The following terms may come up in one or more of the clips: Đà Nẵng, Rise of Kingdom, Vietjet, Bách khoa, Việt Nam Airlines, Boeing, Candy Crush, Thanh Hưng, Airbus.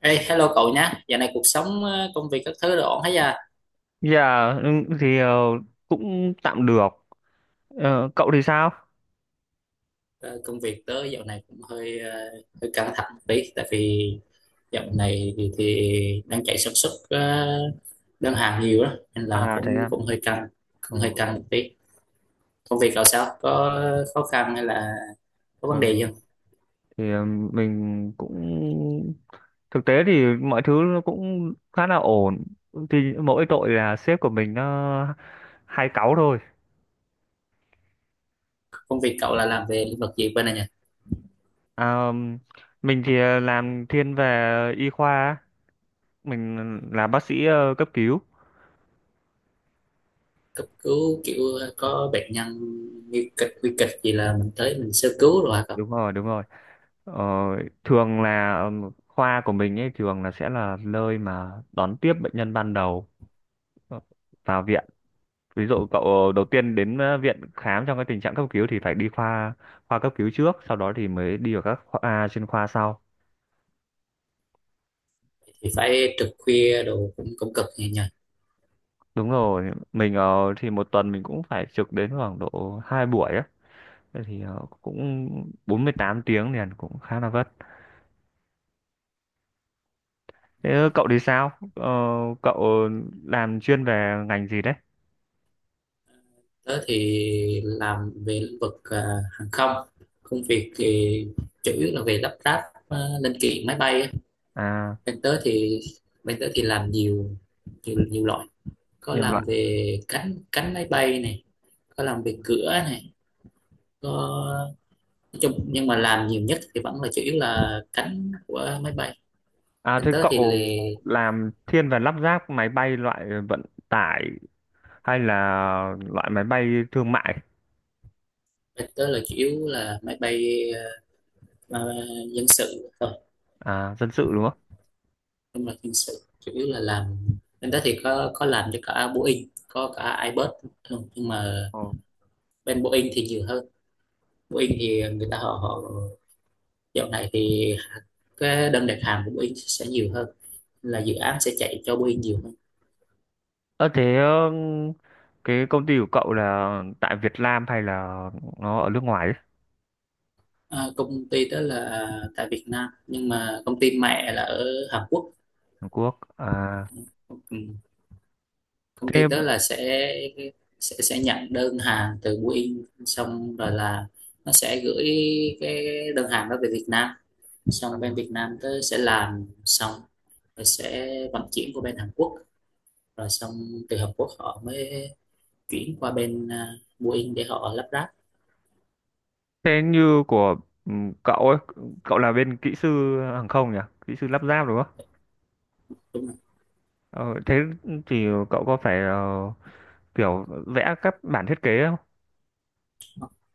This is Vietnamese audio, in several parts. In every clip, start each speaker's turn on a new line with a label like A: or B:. A: Ê, hello cậu nhá, dạo này cuộc sống, công việc các thứ đều ổn hết à?
B: Dạ ừ, thì cũng tạm được. Ờ, cậu thì sao?
A: Ờ, Công việc tớ dạo này cũng hơi hơi căng thẳng một tí, tại vì dạo này thì đang chạy sản xuất, đơn hàng nhiều đó, nên là
B: À thế
A: cũng
B: à. Ờ,
A: cũng hơi căng một tí. Công việc cậu sao? Có khó khăn hay là có
B: ờ,
A: vấn đề gì không?
B: thì mình cũng thực tế thì mọi thứ nó cũng khá là ổn. Thì mỗi tội là sếp của mình nó hay cáu thôi.
A: Công việc cậu là làm về lĩnh vực gì bên này nhỉ?
B: À, mình thì làm thiên về y khoa, á. Mình là bác sĩ cấp cứu.
A: Cấp cứu kiểu có bệnh nhân nguy kịch gì là mình tới mình sơ cứu rồi hả cậu?
B: Đúng rồi, đúng rồi. Ờ, thường là khoa của mình ấy thường là sẽ là nơi mà đón tiếp bệnh nhân ban đầu vào viện. Ví dụ cậu đầu tiên đến viện khám trong cái tình trạng cấp cứu thì phải đi khoa khoa cấp cứu trước, sau đó thì mới đi vào các khoa à, chuyên khoa sau.
A: Thì phải trực khuya đồ cũng cũng cực nhỉ?
B: Đúng rồi, mình thì một tuần mình cũng phải trực đến khoảng độ hai buổi á. Thế thì cũng 48 tiếng liền cũng khá là vất. Thế cậu thì sao? Ờ, Cậu làm chuyên về ngành gì đấy?
A: Tớ thì làm về lĩnh vực à, hàng không. Công việc thì chủ yếu là về lắp ráp à, linh kiện máy bay á.
B: À,
A: Bên tớ thì bên tớ thì làm nhiều, nhiều loại. Có
B: nhiều loại.
A: làm về cánh cánh máy bay này, có làm về cửa này, có, nói chung nhưng mà làm nhiều nhất thì vẫn là chủ yếu là cánh của máy bay.
B: À,
A: Bên
B: thế
A: tớ thì là
B: cậu làm thiên về lắp ráp máy bay loại vận tải hay là loại máy bay thương mại,
A: bên tớ là chủ yếu là máy bay à, dân sự,
B: à, dân sự đúng không?
A: nhưng mà hình sự chủ yếu là làm bên đó thì có làm cho cả Boeing, có cả Airbus. Ừ, nhưng mà
B: Ờ.
A: bên Boeing thì nhiều hơn. Boeing thì người ta họ họ dạo này thì cái đơn đặt hàng của Boeing sẽ nhiều hơn, là dự án sẽ chạy cho Boeing nhiều hơn.
B: Ờ, thế cái công ty của cậu là tại Việt Nam hay là nó ở nước ngoài ấy?
A: À, công ty đó là tại Việt Nam, nhưng mà công ty mẹ là ở Hàn Quốc.
B: Hàn Quốc à,
A: Ừ, công
B: thế
A: ty đó là sẽ nhận đơn hàng từ Boeing, xong rồi là nó sẽ gửi cái đơn hàng đó về Việt Nam,
B: ờ.
A: xong bên Việt Nam tớ sẽ làm xong rồi sẽ vận chuyển qua bên Hàn Quốc, rồi xong từ Hàn Quốc họ mới chuyển qua bên Boeing để họ lắp ráp,
B: Thế như của ừ, cậu ấy, cậu là bên kỹ sư hàng không nhỉ, kỹ sư lắp ráp đúng không?
A: đúng không?
B: Ờ, Thế thì cậu có phải kiểu vẽ các bản thiết kế không?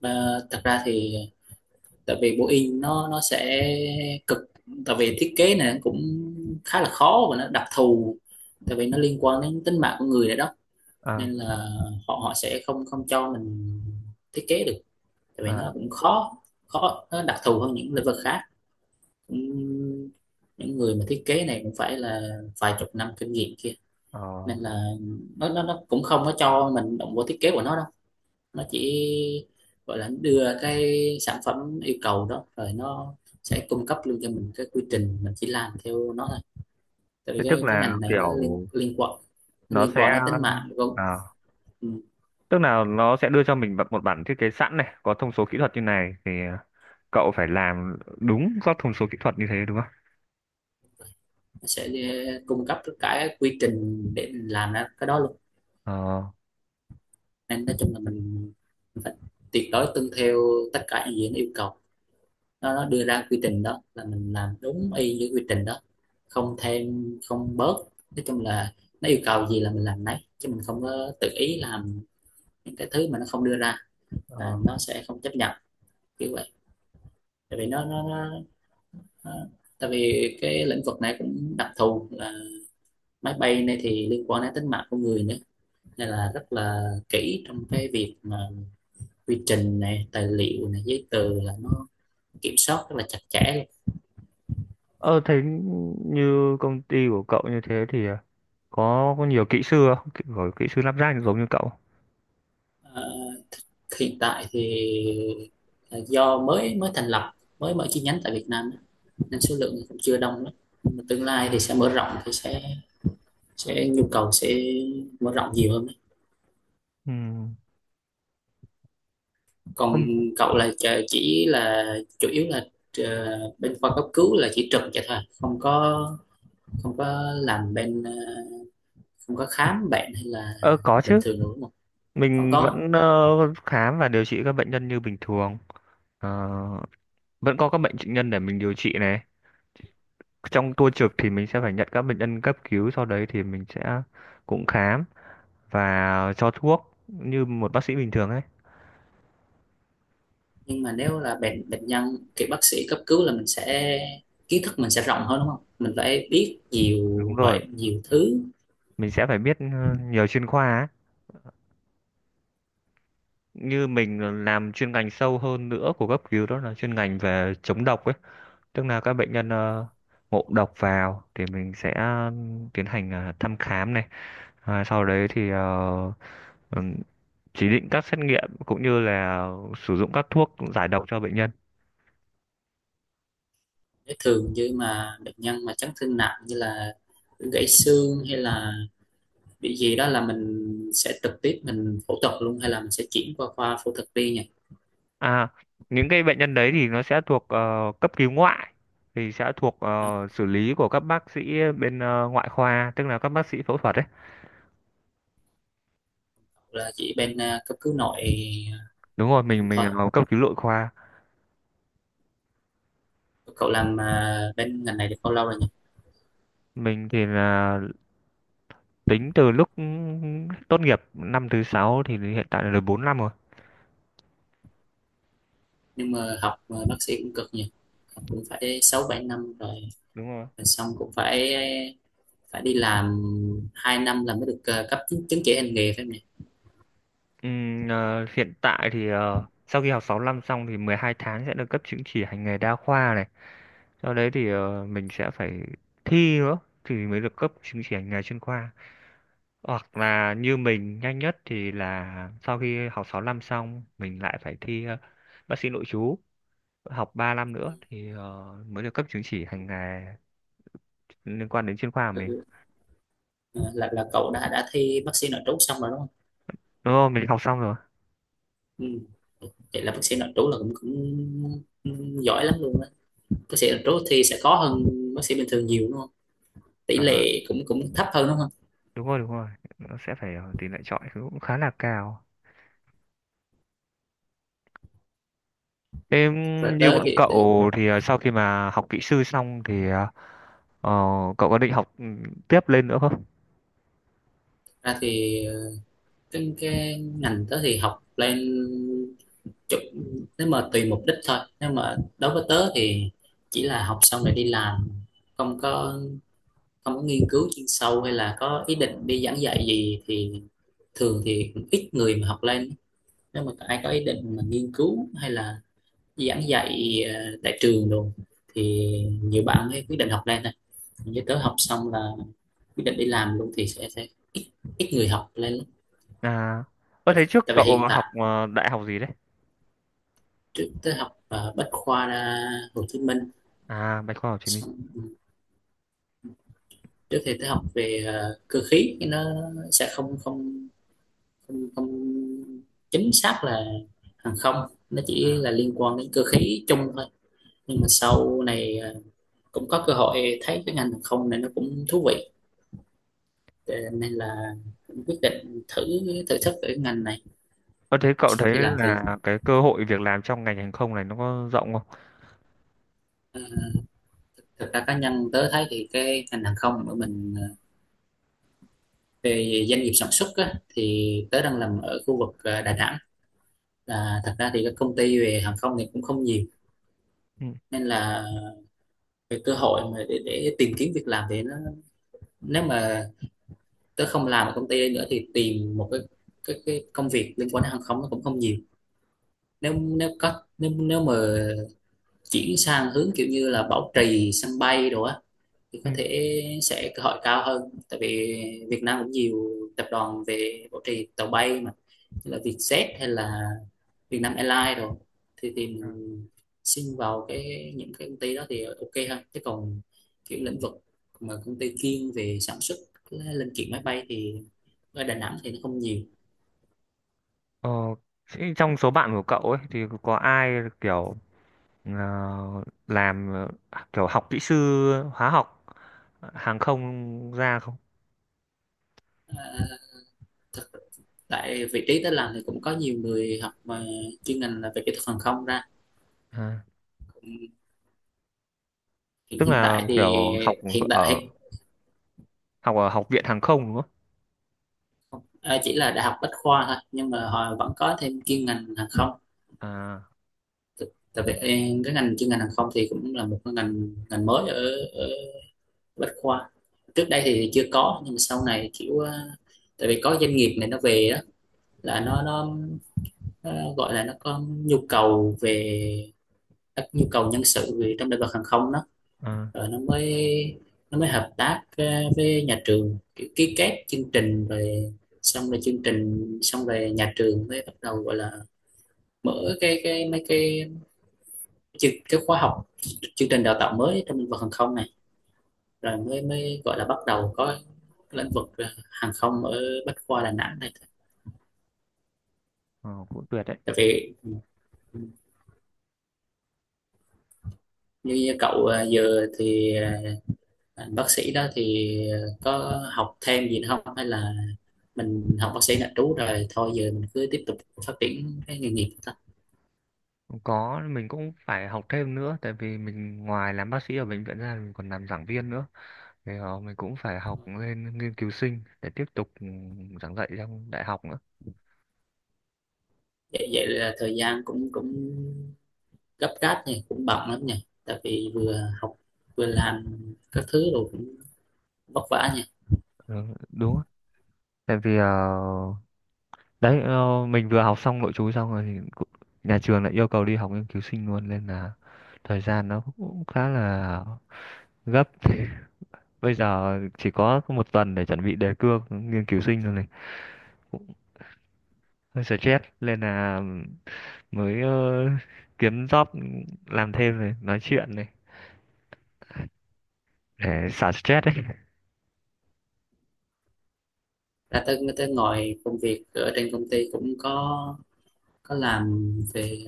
A: Ờ, thật ra thì tại vì Boeing nó sẽ cực, tại vì thiết kế này cũng khá là khó và nó đặc thù, tại vì nó liên quan đến tính mạng của người nữa đó,
B: à,
A: nên là họ họ sẽ không không cho mình thiết kế được, tại vì
B: à,
A: nó cũng khó, khó, nó đặc thù hơn những lĩnh vực khác. Ừm, những người mà thiết kế này cũng phải là vài chục năm kinh nghiệm kia,
B: ờ.
A: nên là nó cũng không có cho mình động vô thiết kế của nó đâu, nó chỉ gọi là đưa cái sản phẩm yêu cầu đó rồi nó sẽ cung cấp luôn cho mình cái quy trình, mình chỉ làm theo nó thôi, tại vì
B: Thế tức
A: cái
B: là
A: ngành này nó liên
B: kiểu
A: liên quan nó
B: nó
A: liên
B: sẽ
A: quan đến tính mạng, đúng không.
B: à,
A: Ừ.
B: tức là nó sẽ đưa cho mình một bản thiết kế sẵn này, có thông số kỹ thuật như này thì cậu phải làm đúng các thông số kỹ thuật như thế đúng không?
A: Cung cấp tất cả cái quy trình để mình làm ra cái đó luôn,
B: Ờ.
A: nên nói chung là mình phải tuyệt đối tuân theo tất cả những gì nó yêu cầu. Nó đưa ra quy trình đó là mình làm đúng y như quy trình đó, không thêm không bớt, nói chung là nó yêu cầu gì là mình làm nấy, chứ mình không có tự ý làm những cái thứ mà nó không đưa ra, là
B: Ờ,
A: nó sẽ không chấp nhận, kiểu vậy. Tại vì nó tại vì cái lĩnh vực này cũng đặc thù, là máy bay này thì liên quan đến tính mạng của người nữa, nên là rất là kỹ trong cái việc mà quy trình này, tài liệu này, giấy tờ là nó kiểm soát rất là chặt chẽ.
B: Ờ, thế như công ty của cậu như thế thì có nhiều kỹ sư không? Có kỹ sư lắp ráp giống như cậu.
A: Ờ, hiện tại thì ờ, do mới mới thành lập, mới mở chi nhánh tại Việt Nam á, nên số lượng cũng chưa đông lắm, nhưng mà tương lai thì sẽ mở rộng, thì sẽ nhu cầu sẽ mở rộng nhiều hơn đấy.
B: Ừ.
A: Còn
B: Không,
A: cậu là chỉ là chủ yếu là bên khoa cấp cứu là chỉ trực vậy thôi, không có, không có làm bên không có khám bệnh hay là
B: ờ, có
A: bình
B: chứ.
A: thường nữa đúng không, không
B: Mình
A: có.
B: vẫn khám và điều trị các bệnh nhân như bình thường. Ờ, Vẫn có các bệnh bệnh nhân để mình điều trị này. Trong tua trực thì mình sẽ phải nhận các bệnh nhân cấp cứu, sau đấy thì mình sẽ cũng khám và cho thuốc như một bác sĩ bình thường ấy.
A: Nhưng mà nếu là bệnh bệnh nhân thì bác sĩ cấp cứu là mình sẽ, kiến thức mình sẽ rộng hơn đúng không, mình phải biết
B: Đúng
A: nhiều
B: rồi,
A: bệnh nhiều thứ.
B: mình sẽ phải biết nhiều chuyên khoa ấy. Như mình làm chuyên ngành sâu hơn nữa của cấp cứu đó là chuyên ngành về chống độc ấy. Tức là các bệnh nhân ngộ độc vào thì mình sẽ tiến hành thăm khám này. À, sau đấy thì ừm, chỉ định các xét nghiệm cũng như là sử dụng các thuốc giải độc cho bệnh nhân.
A: Nếu thường như mà bệnh nhân mà chấn thương nặng, như là gãy xương hay là bị gì đó, là mình sẽ trực tiếp mình phẫu thuật luôn, hay là mình sẽ chuyển qua khoa phẫu thuật đi nhỉ.
B: À, những cái bệnh nhân đấy thì nó sẽ thuộc cấp cứu ngoại thì sẽ thuộc
A: À,
B: xử lý của các bác sĩ bên ngoại khoa, tức là các bác sĩ phẫu thuật đấy.
A: là chỉ bên à, cấp cứu nội
B: Đúng rồi, mình
A: thôi.
B: cấp cứu nội khoa.
A: Cậu làm à, bên ngành này được bao lâu rồi nhỉ?
B: Mình thì là tính từ lúc tốt nghiệp năm thứ sáu thì hiện tại là được 4 năm rồi.
A: Nhưng mà học à, bác sĩ cũng cực nhỉ, cũng phải sáu bảy năm rồi.
B: Đúng rồi.
A: Rồi xong cũng phải, phải đi làm 2 năm là mới được ờ, cấp chứng, chứng chỉ hành nghề phải không nhỉ?
B: Ờ, Hiện tại thì sau khi học 6 năm xong thì 12 tháng sẽ được cấp chứng chỉ hành nghề đa khoa này. Sau đấy thì mình sẽ phải thi nữa thì mới được cấp chứng chỉ hành nghề chuyên khoa. Hoặc là như mình nhanh nhất thì là sau khi học 6 năm xong mình lại phải thi bác sĩ nội trú, học 3 năm nữa thì mới được cấp chứng chỉ hành nghề liên quan đến chuyên khoa của
A: Ừ,
B: mình.
A: ừ. Ờ, là cậu đã thi bác sĩ nội trú xong rồi đúng không?
B: Đúng không? Mình học xong rồi.
A: Ừ. Vậy là bác sĩ nội trú là cũng cũng giỏi lắm luôn á, bác sĩ nội trú thì sẽ khó hơn bác sĩ bình thường nhiều đúng không, tỷ
B: À,
A: lệ cũng cũng thấp hơn đúng không.
B: đúng rồi, đúng rồi. Nó sẽ phải tỷ lệ chọi cũng khá là cao. Thế
A: Rồi
B: như
A: tới
B: bọn
A: thì tới-
B: cậu thì sau khi mà học kỹ sư xong thì ờ, cậu có định học tiếp lên nữa không?
A: ra thì ờ, cái ngành tớ thì học lên chụp, nếu mà tùy mục đích thôi, nếu mà đối với tớ thì chỉ là học xong rồi đi làm, không có, không có nghiên cứu chuyên sâu hay là có ý định đi giảng dạy gì, thì thường thì cũng ít người mà học lên. Nếu mà ai có ý định mà nghiên cứu hay là giảng dạy tại trường đồ thì nhiều bạn mới quyết định học lên này. Như tớ học xong là quyết định đi làm luôn thì sẽ ít, ít người học lên lắm.
B: À, có
A: Tại
B: thấy trước
A: Tại vì
B: cậu
A: hiện
B: học
A: tại,
B: đại học gì đấy?
A: trước tớ học Bách khoa ra, Hồ Chí Minh.
B: À, Bách khoa Hồ Chí Minh.
A: Xong trước thì tớ học về cơ khí, nó sẽ không không không chính xác là hàng không, nó chỉ
B: À.
A: là liên quan đến cơ khí chung thôi, nhưng mà sau này à, cũng có cơ hội thấy cái ngành hàng không này nó cũng thú vị. Ờ, nên là quyết định thử, thử sức ở ngành này.
B: Có, thế cậu
A: Sau
B: thấy
A: khi làm thì
B: là cái cơ hội việc làm trong ngành hàng không này nó có rộng không?
A: ờ, thực ra cá nhân tớ thấy thì cái ngành hàng không của mình, về doanh nghiệp sản xuất á, thì tớ đang làm ở khu vực Đà Nẵng, là thật ra thì các công ty về hàng không thì cũng không nhiều,
B: Ừ.
A: nên là về cơ hội mà để tìm kiếm việc làm thì nó, nếu mà tớ không làm ở công ty đây nữa thì tìm một cái, cái công việc liên quan đến hàng không nó cũng không nhiều. Nếu nếu có nếu nếu mà chuyển sang hướng kiểu như là bảo trì sân bay đồ á thì
B: Ừ.
A: có thể sẽ cơ hội cao hơn, tại vì Việt Nam cũng nhiều tập đoàn về bảo trì tàu bay mà, như là Vietjet hay là Việt Nam Airlines rồi, thì thì
B: Ừ.
A: mình xin vào cái những cái công ty đó thì ok hơn, chứ còn kiểu lĩnh vực mà công ty chuyên về sản xuất cái linh kiện máy bay thì ở Đà Nẵng thì nó không nhiều.
B: Ờ, thế trong số bạn của cậu ấy thì có ai kiểu ờ, làm kiểu học kỹ sư hóa học hàng không ra không?
A: À, thực tại vị trí tớ làm thì cũng có nhiều người học mà chuyên ngành là về kỹ thuật hàng không ra,
B: À,
A: cũng hiện
B: tức
A: hiện
B: là
A: tại thì
B: kiểu
A: hiện
B: ở
A: tại
B: học ở học viện hàng không đúng không?
A: à, chỉ là đại học Bách khoa thôi, nhưng mà họ vẫn có thêm chuyên ngành hàng không.
B: À,
A: T- cái ngành chuyên ngành hàng không thì cũng là một cái ngành ngành mới ở Bách khoa, trước đây thì chưa có, nhưng mà sau này kiểu tại vì có doanh nghiệp này nó về đó, là nó gọi là nó có nhu cầu về các nhu cầu nhân sự về trong lĩnh vực hàng không đó,
B: à,
A: rồi nó mới hợp tác với nhà trường, kiểu ký kết chương trình, rồi xong rồi chương trình xong rồi nhà trường mới bắt đầu gọi là mở cái mấy cái chương cái khóa học, chương trình đào tạo mới trong lĩnh vực hàng không này, rồi mới mới gọi là bắt đầu có lĩnh vực hàng không ở Bách Khoa Đà Nẵng này.
B: ờ, Cũng tuyệt đấy.
A: Tại vì như cậu à, giờ thì à, bác sĩ đó thì có học thêm gì nữa không, hay là mình học bác sĩ nội trú rồi thôi, giờ mình cứ tiếp tục phát triển cái nghề nghiệp thôi.
B: Có mình cũng phải học thêm nữa tại vì mình ngoài làm bác sĩ ở bệnh viện ra mình còn làm giảng viên nữa. Thế đó, mình cũng phải học lên nghiên cứu sinh để tiếp tục giảng dạy trong đại học nữa.
A: Vậy, vậy là thời gian cũng cũng gấp gáp này, cũng bận lắm nha, tại vì vừa học vừa làm các thứ, rồi cũng vất vả nha.
B: Ừ, đúng á. Tại vì đấy mình vừa học xong nội trú xong rồi nhà trường lại yêu cầu đi học nghiên cứu sinh luôn nên là thời gian nó cũng khá là gấp bây giờ chỉ có một tuần để chuẩn bị đề cương nghiên cứu sinh rồi này, cũng hơi stress nên là mới kiếm job làm thêm này nói chuyện này để xả stress đấy.
A: Ra tới tới ngồi Công việc ở trên công ty cũng có làm về,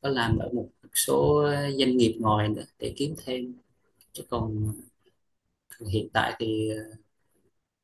A: có làm ở một số doanh nghiệp ngoài nữa để kiếm thêm, chứ còn hiện tại thì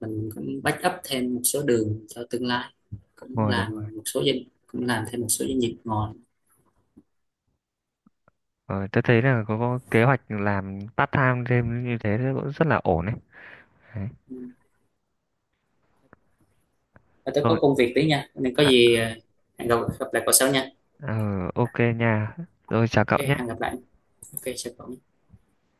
A: mình cũng back up thêm một số đường cho tương lai, cũng
B: Ngồi đúng rồi.
A: làm một số doanh, cũng làm thêm một số doanh nghiệp ngoài.
B: Ờ, tôi thấy là có kế hoạch làm part time thêm như thế cũng rất là ổn đấy. Đấy.
A: Và tôi có
B: Rồi,
A: công việc tí nha, nên có
B: à,
A: gì hẹn gặp gặp lại cậu sau nha.
B: ờ, ok nha. Rồi chào cậu
A: Ok
B: nhé.
A: hẹn gặp lại, ok chào cậu.